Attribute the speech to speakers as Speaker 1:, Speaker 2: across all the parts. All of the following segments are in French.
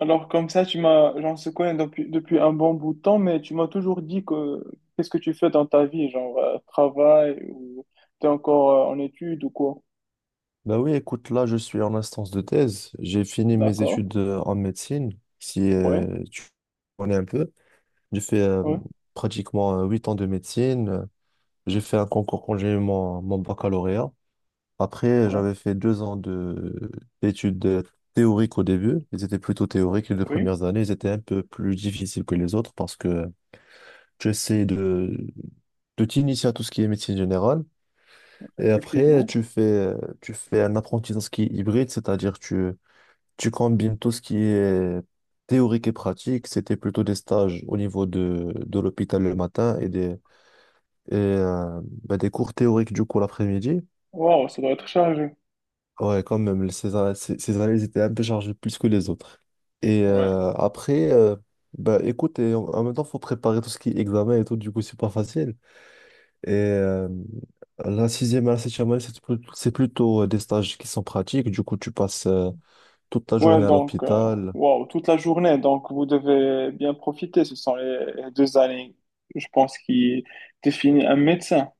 Speaker 1: Alors comme ça, tu m'as, genre, se connaît depuis, depuis un bon bout de temps, mais tu m'as toujours dit que qu'est-ce que tu fais dans ta vie, genre travail ou t'es encore en études ou quoi?
Speaker 2: Bah oui, écoute, là, je suis en instance de thèse. J'ai fini mes
Speaker 1: D'accord,
Speaker 2: études en médecine, si
Speaker 1: ouais,
Speaker 2: tu connais un peu. J'ai fait
Speaker 1: ouais,
Speaker 2: pratiquement 8 ans de médecine. J'ai fait un concours quand j'ai eu mon baccalauréat. Après,
Speaker 1: ouais,
Speaker 2: j'avais fait 2 ans d'études théoriques au début. Ils étaient plutôt
Speaker 1: ouais.
Speaker 2: théoriques. Les deux
Speaker 1: Oui,
Speaker 2: premières années, ils étaient un peu plus difficiles que les autres parce que tu essaies de t'initier à tout ce qui est médecine générale. Et après,
Speaker 1: effectivement.
Speaker 2: tu fais un apprentissage qui est hybride, c'est-à-dire tu combines tout ce qui est théorique et pratique. C'était plutôt des stages au niveau de l'hôpital le matin et bah, des cours théoriques du coup l'après-midi.
Speaker 1: Waouh, ça doit être chargé.
Speaker 2: Ouais, quand même, ces années, elles étaient un peu chargées plus que les autres. Et
Speaker 1: Ouais,
Speaker 2: euh, après, bah, écoute, et en même temps, il faut préparer tout ce qui est examen et tout, du coup, c'est pas facile. Et la sixième et la septième année, c'est plutôt des stages qui sont pratiques. Du coup, tu passes toute ta journée
Speaker 1: ouais,
Speaker 2: à l'hôpital.
Speaker 1: waouh, toute la journée, donc vous devez bien profiter. Ce sont les deux années, je pense, qui définissent un médecin.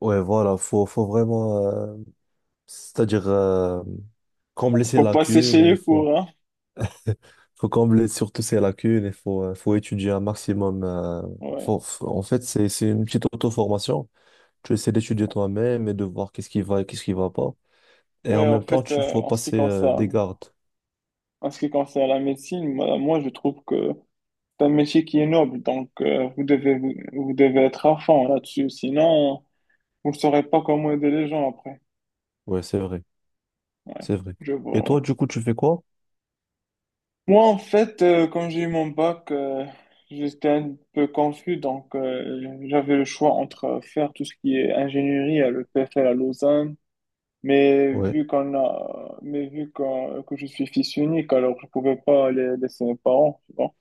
Speaker 2: Ouais, voilà, faut vraiment, c'est-à-dire combler ses
Speaker 1: Faut passer
Speaker 2: lacunes
Speaker 1: chez
Speaker 2: et
Speaker 1: les cours, hein.
Speaker 2: faut combler surtout ses lacunes et faut étudier un maximum.
Speaker 1: Ouais,
Speaker 2: En fait, c'est une petite auto-formation. Tu essaies d'étudier toi-même et de voir qu'est-ce qui va et qu'est-ce qui va pas. Et en
Speaker 1: ouais,
Speaker 2: même temps, tu faut
Speaker 1: en ce qui
Speaker 2: passer des
Speaker 1: concerne.
Speaker 2: gardes.
Speaker 1: En ce qui concerne la médecine, moi, je trouve que c'est un métier qui est noble, donc vous devez, vous, vous devez être à fond là-dessus, sinon vous ne saurez pas comment aider les gens après.
Speaker 2: Ouais, c'est vrai,
Speaker 1: Ouais,
Speaker 2: c'est vrai.
Speaker 1: je
Speaker 2: Et
Speaker 1: vois. Ouais.
Speaker 2: toi, du coup, tu fais quoi?
Speaker 1: Moi, en fait, quand j'ai eu mon bac, j'étais un peu confus, donc j'avais le choix entre faire tout ce qui est ingénierie à l'EPFL à Lausanne, mais
Speaker 2: Ouais,
Speaker 1: vu qu'on a, mais que je suis fils unique, alors je pouvais pas aller laisser mes parents, tu vois.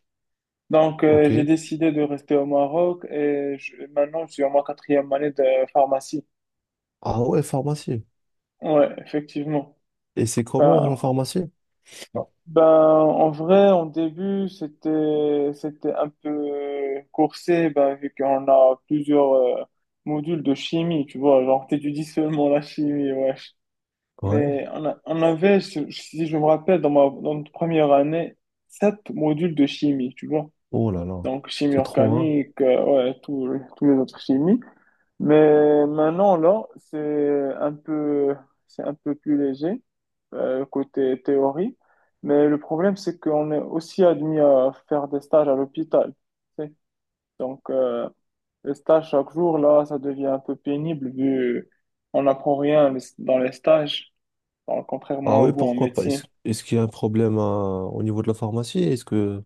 Speaker 1: Donc, j'ai
Speaker 2: ok.
Speaker 1: décidé de rester au Maroc et maintenant, je suis en ma quatrième année de pharmacie.
Speaker 2: Ah ouais, pharmacie.
Speaker 1: Ouais, effectivement.
Speaker 2: Et c'est comment
Speaker 1: Ben,
Speaker 2: la pharmacie?
Speaker 1: ben, en vrai, en début, c'était un peu coursé, ben, vu qu'on a plusieurs modules de chimie, tu vois, genre, t'étudies seulement la chimie, wesh. Mais
Speaker 2: Ouais.
Speaker 1: on avait, si je me rappelle, dans notre première année, sept modules de chimie, tu vois.
Speaker 2: Oh là là,
Speaker 1: Donc, chimie
Speaker 2: c'est trop, hein?
Speaker 1: organique, ouais, tous les autres chimies. Mais maintenant, là, c'est un peu plus léger, côté théorie. Mais le problème, c'est qu'on est aussi admis à faire des stages à l'hôpital. Tu sais. Donc, les stages chaque jour, là, ça devient un peu pénible vu on n'apprend rien dans les stages, alors,
Speaker 2: Ah
Speaker 1: contrairement à
Speaker 2: oui,
Speaker 1: vous en
Speaker 2: pourquoi pas?
Speaker 1: médecine.
Speaker 2: Est-ce qu'il y a un problème au niveau de la pharmacie? Est-ce que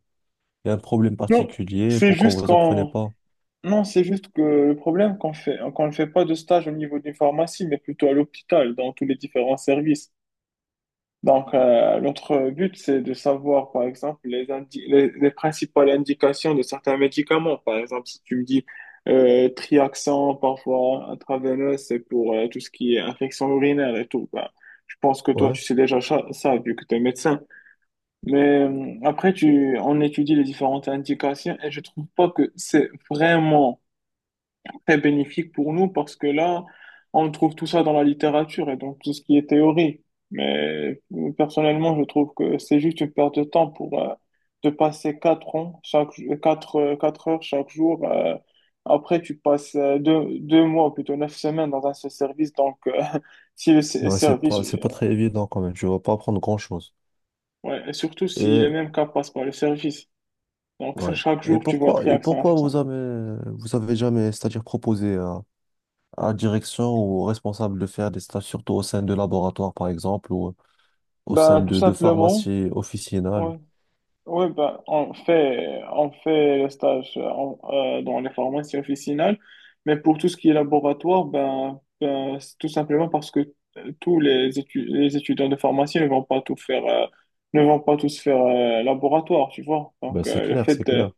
Speaker 2: il y a un problème
Speaker 1: Non,
Speaker 2: particulier?
Speaker 1: c'est
Speaker 2: Pourquoi
Speaker 1: juste
Speaker 2: vous apprenez
Speaker 1: qu'on,
Speaker 2: pas?
Speaker 1: non, c'est juste que le problème qu'on fait, qu'on ne fait pas de stage au niveau d'une pharmacie, mais plutôt à l'hôpital, dans tous les différents services. Donc, notre but, c'est de savoir, par exemple, les principales indications de certains médicaments. Par exemple, si tu me dis Triaxon, parfois intraveineux c'est pour tout ce qui est infection urinaire et tout. Ben, je pense que toi,
Speaker 2: Ouais.
Speaker 1: tu sais déjà ça, vu que tu es médecin. Mais après, on étudie les différentes indications et je trouve pas que c'est vraiment très bénéfique pour nous parce que là, on trouve tout ça dans la littérature et donc tout ce qui est théorie. Mais personnellement, je trouve que c'est juste une perte de temps pour de passer quatre ans, chaque, quatre heures chaque jour. Après, tu passes deux, deux mois, plutôt neuf semaines dans un seul service. Donc, si
Speaker 2: Non, c'est
Speaker 1: service,
Speaker 2: pas, c'est pas très évident quand même. Je ne vais pas apprendre grand-chose.
Speaker 1: ouais, et surtout si
Speaker 2: Et
Speaker 1: les mêmes cas passent par le service. Donc, ça,
Speaker 2: ouais.
Speaker 1: chaque
Speaker 2: Et
Speaker 1: jour, tu vois
Speaker 2: pourquoi, et
Speaker 1: triac ça.
Speaker 2: pourquoi vous avez jamais, c'est-à-dire proposé à la direction ou au responsable de faire des stages, surtout au sein de laboratoire, par exemple, ou au sein
Speaker 1: Ben, tout
Speaker 2: de
Speaker 1: simplement.
Speaker 2: pharmacies officinales.
Speaker 1: Oui, ben, on fait le stage dans les pharmacies officinales, mais pour tout ce qui est laboratoire, ben, c'est tout simplement parce que les étudiants de pharmacie ne vont pas tout faire, ne vont pas tous faire laboratoire, tu vois.
Speaker 2: Ben,
Speaker 1: Donc,
Speaker 2: c'est clair, c'est clair.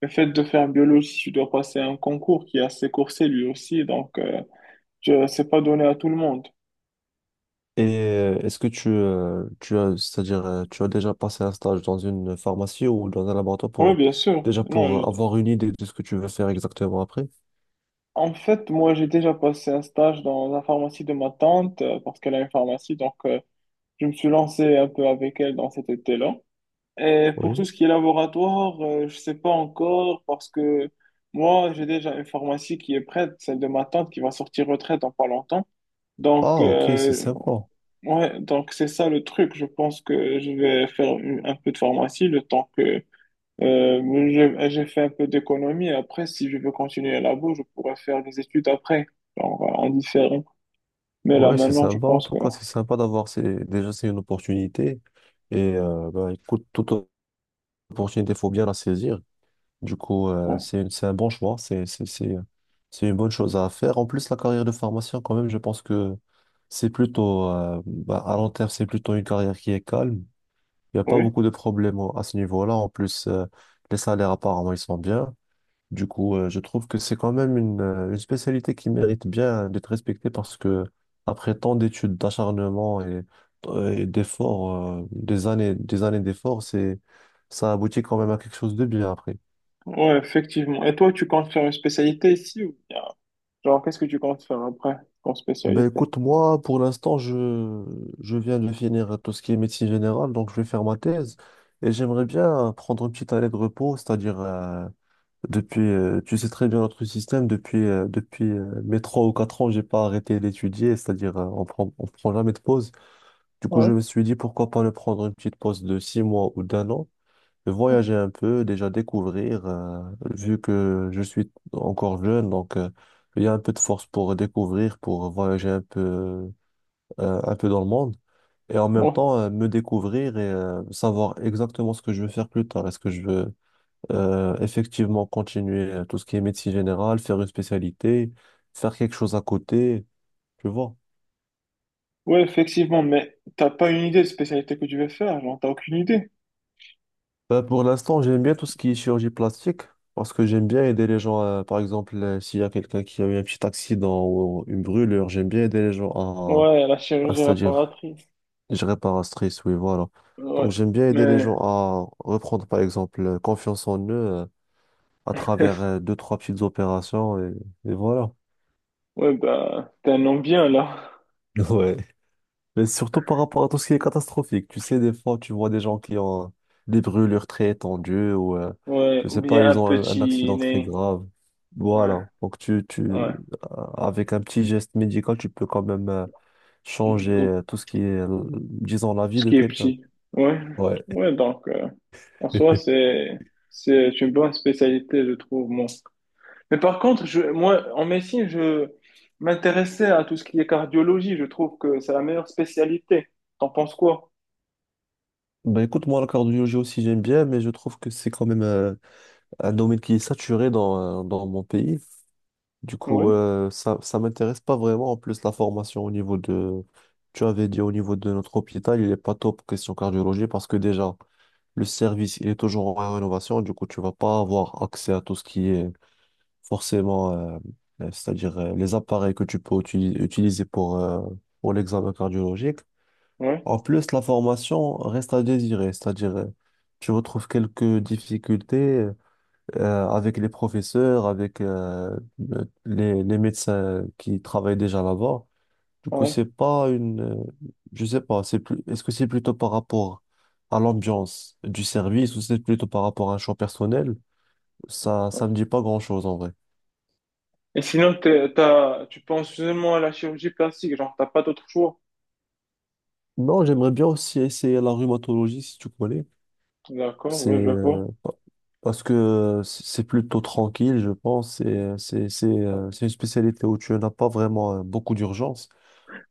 Speaker 1: le fait de faire biologie, tu dois passer un concours qui est assez coursé lui aussi, donc c'est pas donné à tout le monde.
Speaker 2: Et est-ce que c'est-à-dire, tu as déjà passé un stage dans une pharmacie ou dans un laboratoire
Speaker 1: Oui, bien sûr.
Speaker 2: déjà
Speaker 1: Non,
Speaker 2: pour avoir une idée de ce que tu veux faire exactement après?
Speaker 1: en fait, moi, j'ai déjà passé un stage dans la pharmacie de ma tante parce qu'elle a une pharmacie. Donc, je me suis lancé un peu avec elle dans cet été-là. Et pour tout
Speaker 2: Oui.
Speaker 1: ce qui est laboratoire, je sais pas encore parce que moi, j'ai déjà une pharmacie qui est prête, celle de ma tante qui va sortir retraite dans pas longtemps. Donc,
Speaker 2: Ah, ok, c'est sympa.
Speaker 1: ouais, donc c'est ça le truc. Je pense que je vais faire un peu de pharmacie le temps que euh, j'ai fait un peu d'économie. Après, si je veux continuer à la bourse, je pourrais faire des études après, genre en différé. Mais là,
Speaker 2: Ouais, c'est
Speaker 1: maintenant, je
Speaker 2: sympa en
Speaker 1: pense
Speaker 2: tout
Speaker 1: que...
Speaker 2: cas, c'est sympa d'avoir déjà c'est une opportunité et bah, écoute, toute opportunité, il faut bien la saisir. Du coup,
Speaker 1: Ouais.
Speaker 2: c'est un bon choix, c'est une bonne chose à faire. En plus, la carrière de pharmacien, quand même, je pense que c'est plutôt bah, à long terme, c'est plutôt une carrière qui est calme. Il n'y a pas
Speaker 1: Oui,
Speaker 2: beaucoup de problèmes à ce niveau-là. En plus, les salaires apparemment ils sont bien. Du coup, je trouve que c'est quand même une spécialité qui mérite bien d'être respectée parce que après tant d'études, d'acharnement et d'efforts, des années d'efforts, ça aboutit quand même à quelque chose de bien après.
Speaker 1: ouais, effectivement. Et toi, tu comptes faire une spécialité ici ou bien... Genre, qu'est-ce que tu comptes faire après comme
Speaker 2: Ben
Speaker 1: spécialité?
Speaker 2: écoute, moi, pour l'instant, je viens de finir tout ce qui est médecine générale, donc je vais faire ma thèse et j'aimerais bien prendre une petite année de repos, c'est-à-dire. Depuis, tu sais très bien notre système. Depuis, mes 3 ou 4 ans, j'ai pas arrêté d'étudier, c'est-à-dire on prend jamais de pause. Du coup,
Speaker 1: Ouais.
Speaker 2: je me suis dit pourquoi pas ne prendre une petite pause de 6 mois ou d'un an, voyager un peu, déjà découvrir. Vu que je suis encore jeune, donc il y a un peu de force pour découvrir, pour voyager un peu dans le monde. Et en même
Speaker 1: Ouais.
Speaker 2: temps, me découvrir et savoir exactement ce que je veux faire plus tard. Est-ce que je veux effectivement, continuer tout ce qui est médecine générale, faire une spécialité, faire quelque chose à côté, tu vois.
Speaker 1: Ouais, effectivement, mais t'as pas une idée de spécialité que tu veux faire, genre, t'as aucune idée.
Speaker 2: Pour l'instant, j'aime bien tout ce qui est chirurgie plastique parce que j'aime bien aider les gens. Par exemple, s'il y a quelqu'un qui a eu un petit accident ou une brûlure, j'aime bien aider les gens à,
Speaker 1: Ouais, la
Speaker 2: à-
Speaker 1: chirurgie
Speaker 2: c'est-à-dire,
Speaker 1: réparatrice.
Speaker 2: je répare réparatrice, oui, voilà. Donc,
Speaker 1: Ouais,
Speaker 2: j'aime bien aider les
Speaker 1: mais,
Speaker 2: gens à reprendre, par exemple, confiance en eux à travers deux, trois petites opérations et voilà.
Speaker 1: ouais, bah, t'as un nom bien, là.
Speaker 2: Ouais. Mais surtout par rapport à tout ce qui est catastrophique. Tu sais, des fois, tu vois des gens qui ont des brûlures très étendues ou,
Speaker 1: Ouais,
Speaker 2: je
Speaker 1: ou
Speaker 2: sais pas,
Speaker 1: bien un
Speaker 2: ils ont un
Speaker 1: petit
Speaker 2: accident très
Speaker 1: nez.
Speaker 2: grave.
Speaker 1: Ouais,
Speaker 2: Voilà. Donc,
Speaker 1: ouais.
Speaker 2: avec un petit geste médical, tu peux quand même changer
Speaker 1: Ou-
Speaker 2: tout ce qui est, disons, la vie
Speaker 1: ce
Speaker 2: de
Speaker 1: qui est
Speaker 2: quelqu'un.
Speaker 1: petit. Ouais,
Speaker 2: Ouais.
Speaker 1: ouais, donc, euh, en soi, c'est, c'est une bonne spécialité, je trouve, moi. Mais par contre, moi, en médecine, je m'intéressais à tout ce qui est cardiologie, je trouve que c'est la meilleure spécialité. T'en penses quoi?
Speaker 2: Ben écoute, moi, la cardiologie aussi, j'aime bien, mais je trouve que c'est quand même un domaine qui est saturé dans mon pays. Du coup,
Speaker 1: Oui,
Speaker 2: ça m'intéresse pas vraiment. En plus, la formation au niveau de, tu avais dit au niveau de notre hôpital, il est pas top question cardiologie parce que déjà, le service, il est toujours en rénovation. Du coup, tu vas pas avoir accès à tout ce qui est forcément, c'est-à-dire les appareils que tu peux utiliser pour l'examen cardiologique.
Speaker 1: oui,
Speaker 2: En plus, la formation reste à désirer, c'est-à-dire, tu retrouves quelques difficultés, avec les professeurs, avec les médecins qui travaillent déjà là-bas. Du coup,
Speaker 1: oui.
Speaker 2: c'est
Speaker 1: Oui.
Speaker 2: pas une, je sais pas, est-ce que c'est plutôt par rapport à l'ambiance du service ou c'est plutôt par rapport à un choix personnel? Ça me dit pas grand-chose en vrai.
Speaker 1: Et sinon, tu penses seulement à la chirurgie plastique, genre, t'as pas d'autre choix.
Speaker 2: Non, j'aimerais bien aussi essayer la rhumatologie si tu connais.
Speaker 1: D'accord,
Speaker 2: C'est
Speaker 1: oui, je
Speaker 2: euh,
Speaker 1: vois.
Speaker 2: pa- Parce que c'est plutôt tranquille, je pense. C'est une spécialité où tu n'as pas vraiment beaucoup d'urgence.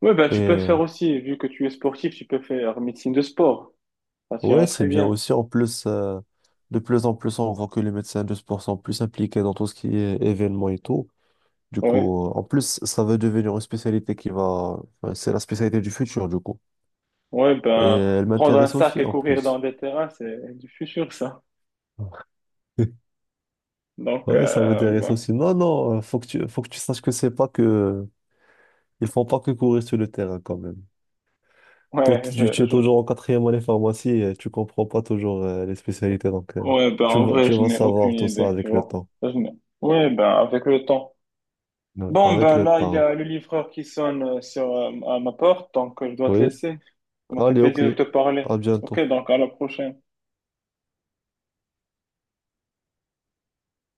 Speaker 1: Oui, ben,
Speaker 2: Et
Speaker 1: tu peux
Speaker 2: euh,
Speaker 1: faire aussi, vu que tu es sportif, tu peux faire médecine de sport. Ça t'ira
Speaker 2: Ouais, c'est
Speaker 1: très
Speaker 2: bien
Speaker 1: bien.
Speaker 2: aussi. En plus, de plus en plus, on voit que les médecins de sport sont plus impliqués dans tout ce qui est événements et tout. Du
Speaker 1: Oui,
Speaker 2: coup, en plus, ça va devenir une spécialité qui va, enfin, c'est la spécialité du futur, du coup.
Speaker 1: oui,
Speaker 2: Et
Speaker 1: ben,
Speaker 2: elle
Speaker 1: prendre un
Speaker 2: m'intéresse
Speaker 1: sac
Speaker 2: aussi,
Speaker 1: et
Speaker 2: en
Speaker 1: courir dans
Speaker 2: plus.
Speaker 1: des terrains, c'est du futur, ça. Donc,
Speaker 2: Ouais, ça m'intéresse aussi. Non, non, faut que tu saches que c'est pas que. Ils font pas que courir sur le terrain, quand même. Toi, tu es
Speaker 1: je,
Speaker 2: toujours en quatrième année pharmacie et tu comprends pas toujours les spécialités. Donc,
Speaker 1: ouais, ben,
Speaker 2: tu
Speaker 1: en
Speaker 2: vas,
Speaker 1: vrai,
Speaker 2: tu
Speaker 1: je
Speaker 2: vas
Speaker 1: n'ai aucune
Speaker 2: savoir tout ça
Speaker 1: idée, tu
Speaker 2: avec le
Speaker 1: vois.
Speaker 2: temps.
Speaker 1: Je n'ai- ouais, ben, avec le temps.
Speaker 2: Ouais.
Speaker 1: Bon,
Speaker 2: Avec
Speaker 1: ben
Speaker 2: le
Speaker 1: là, il y
Speaker 2: temps.
Speaker 1: a le livreur qui sonne sur à ma porte, donc je dois te
Speaker 2: Oui.
Speaker 1: laisser. Ça m'a fait
Speaker 2: Allez, ok.
Speaker 1: plaisir de te parler.
Speaker 2: À
Speaker 1: Ok,
Speaker 2: bientôt.
Speaker 1: donc à la prochaine.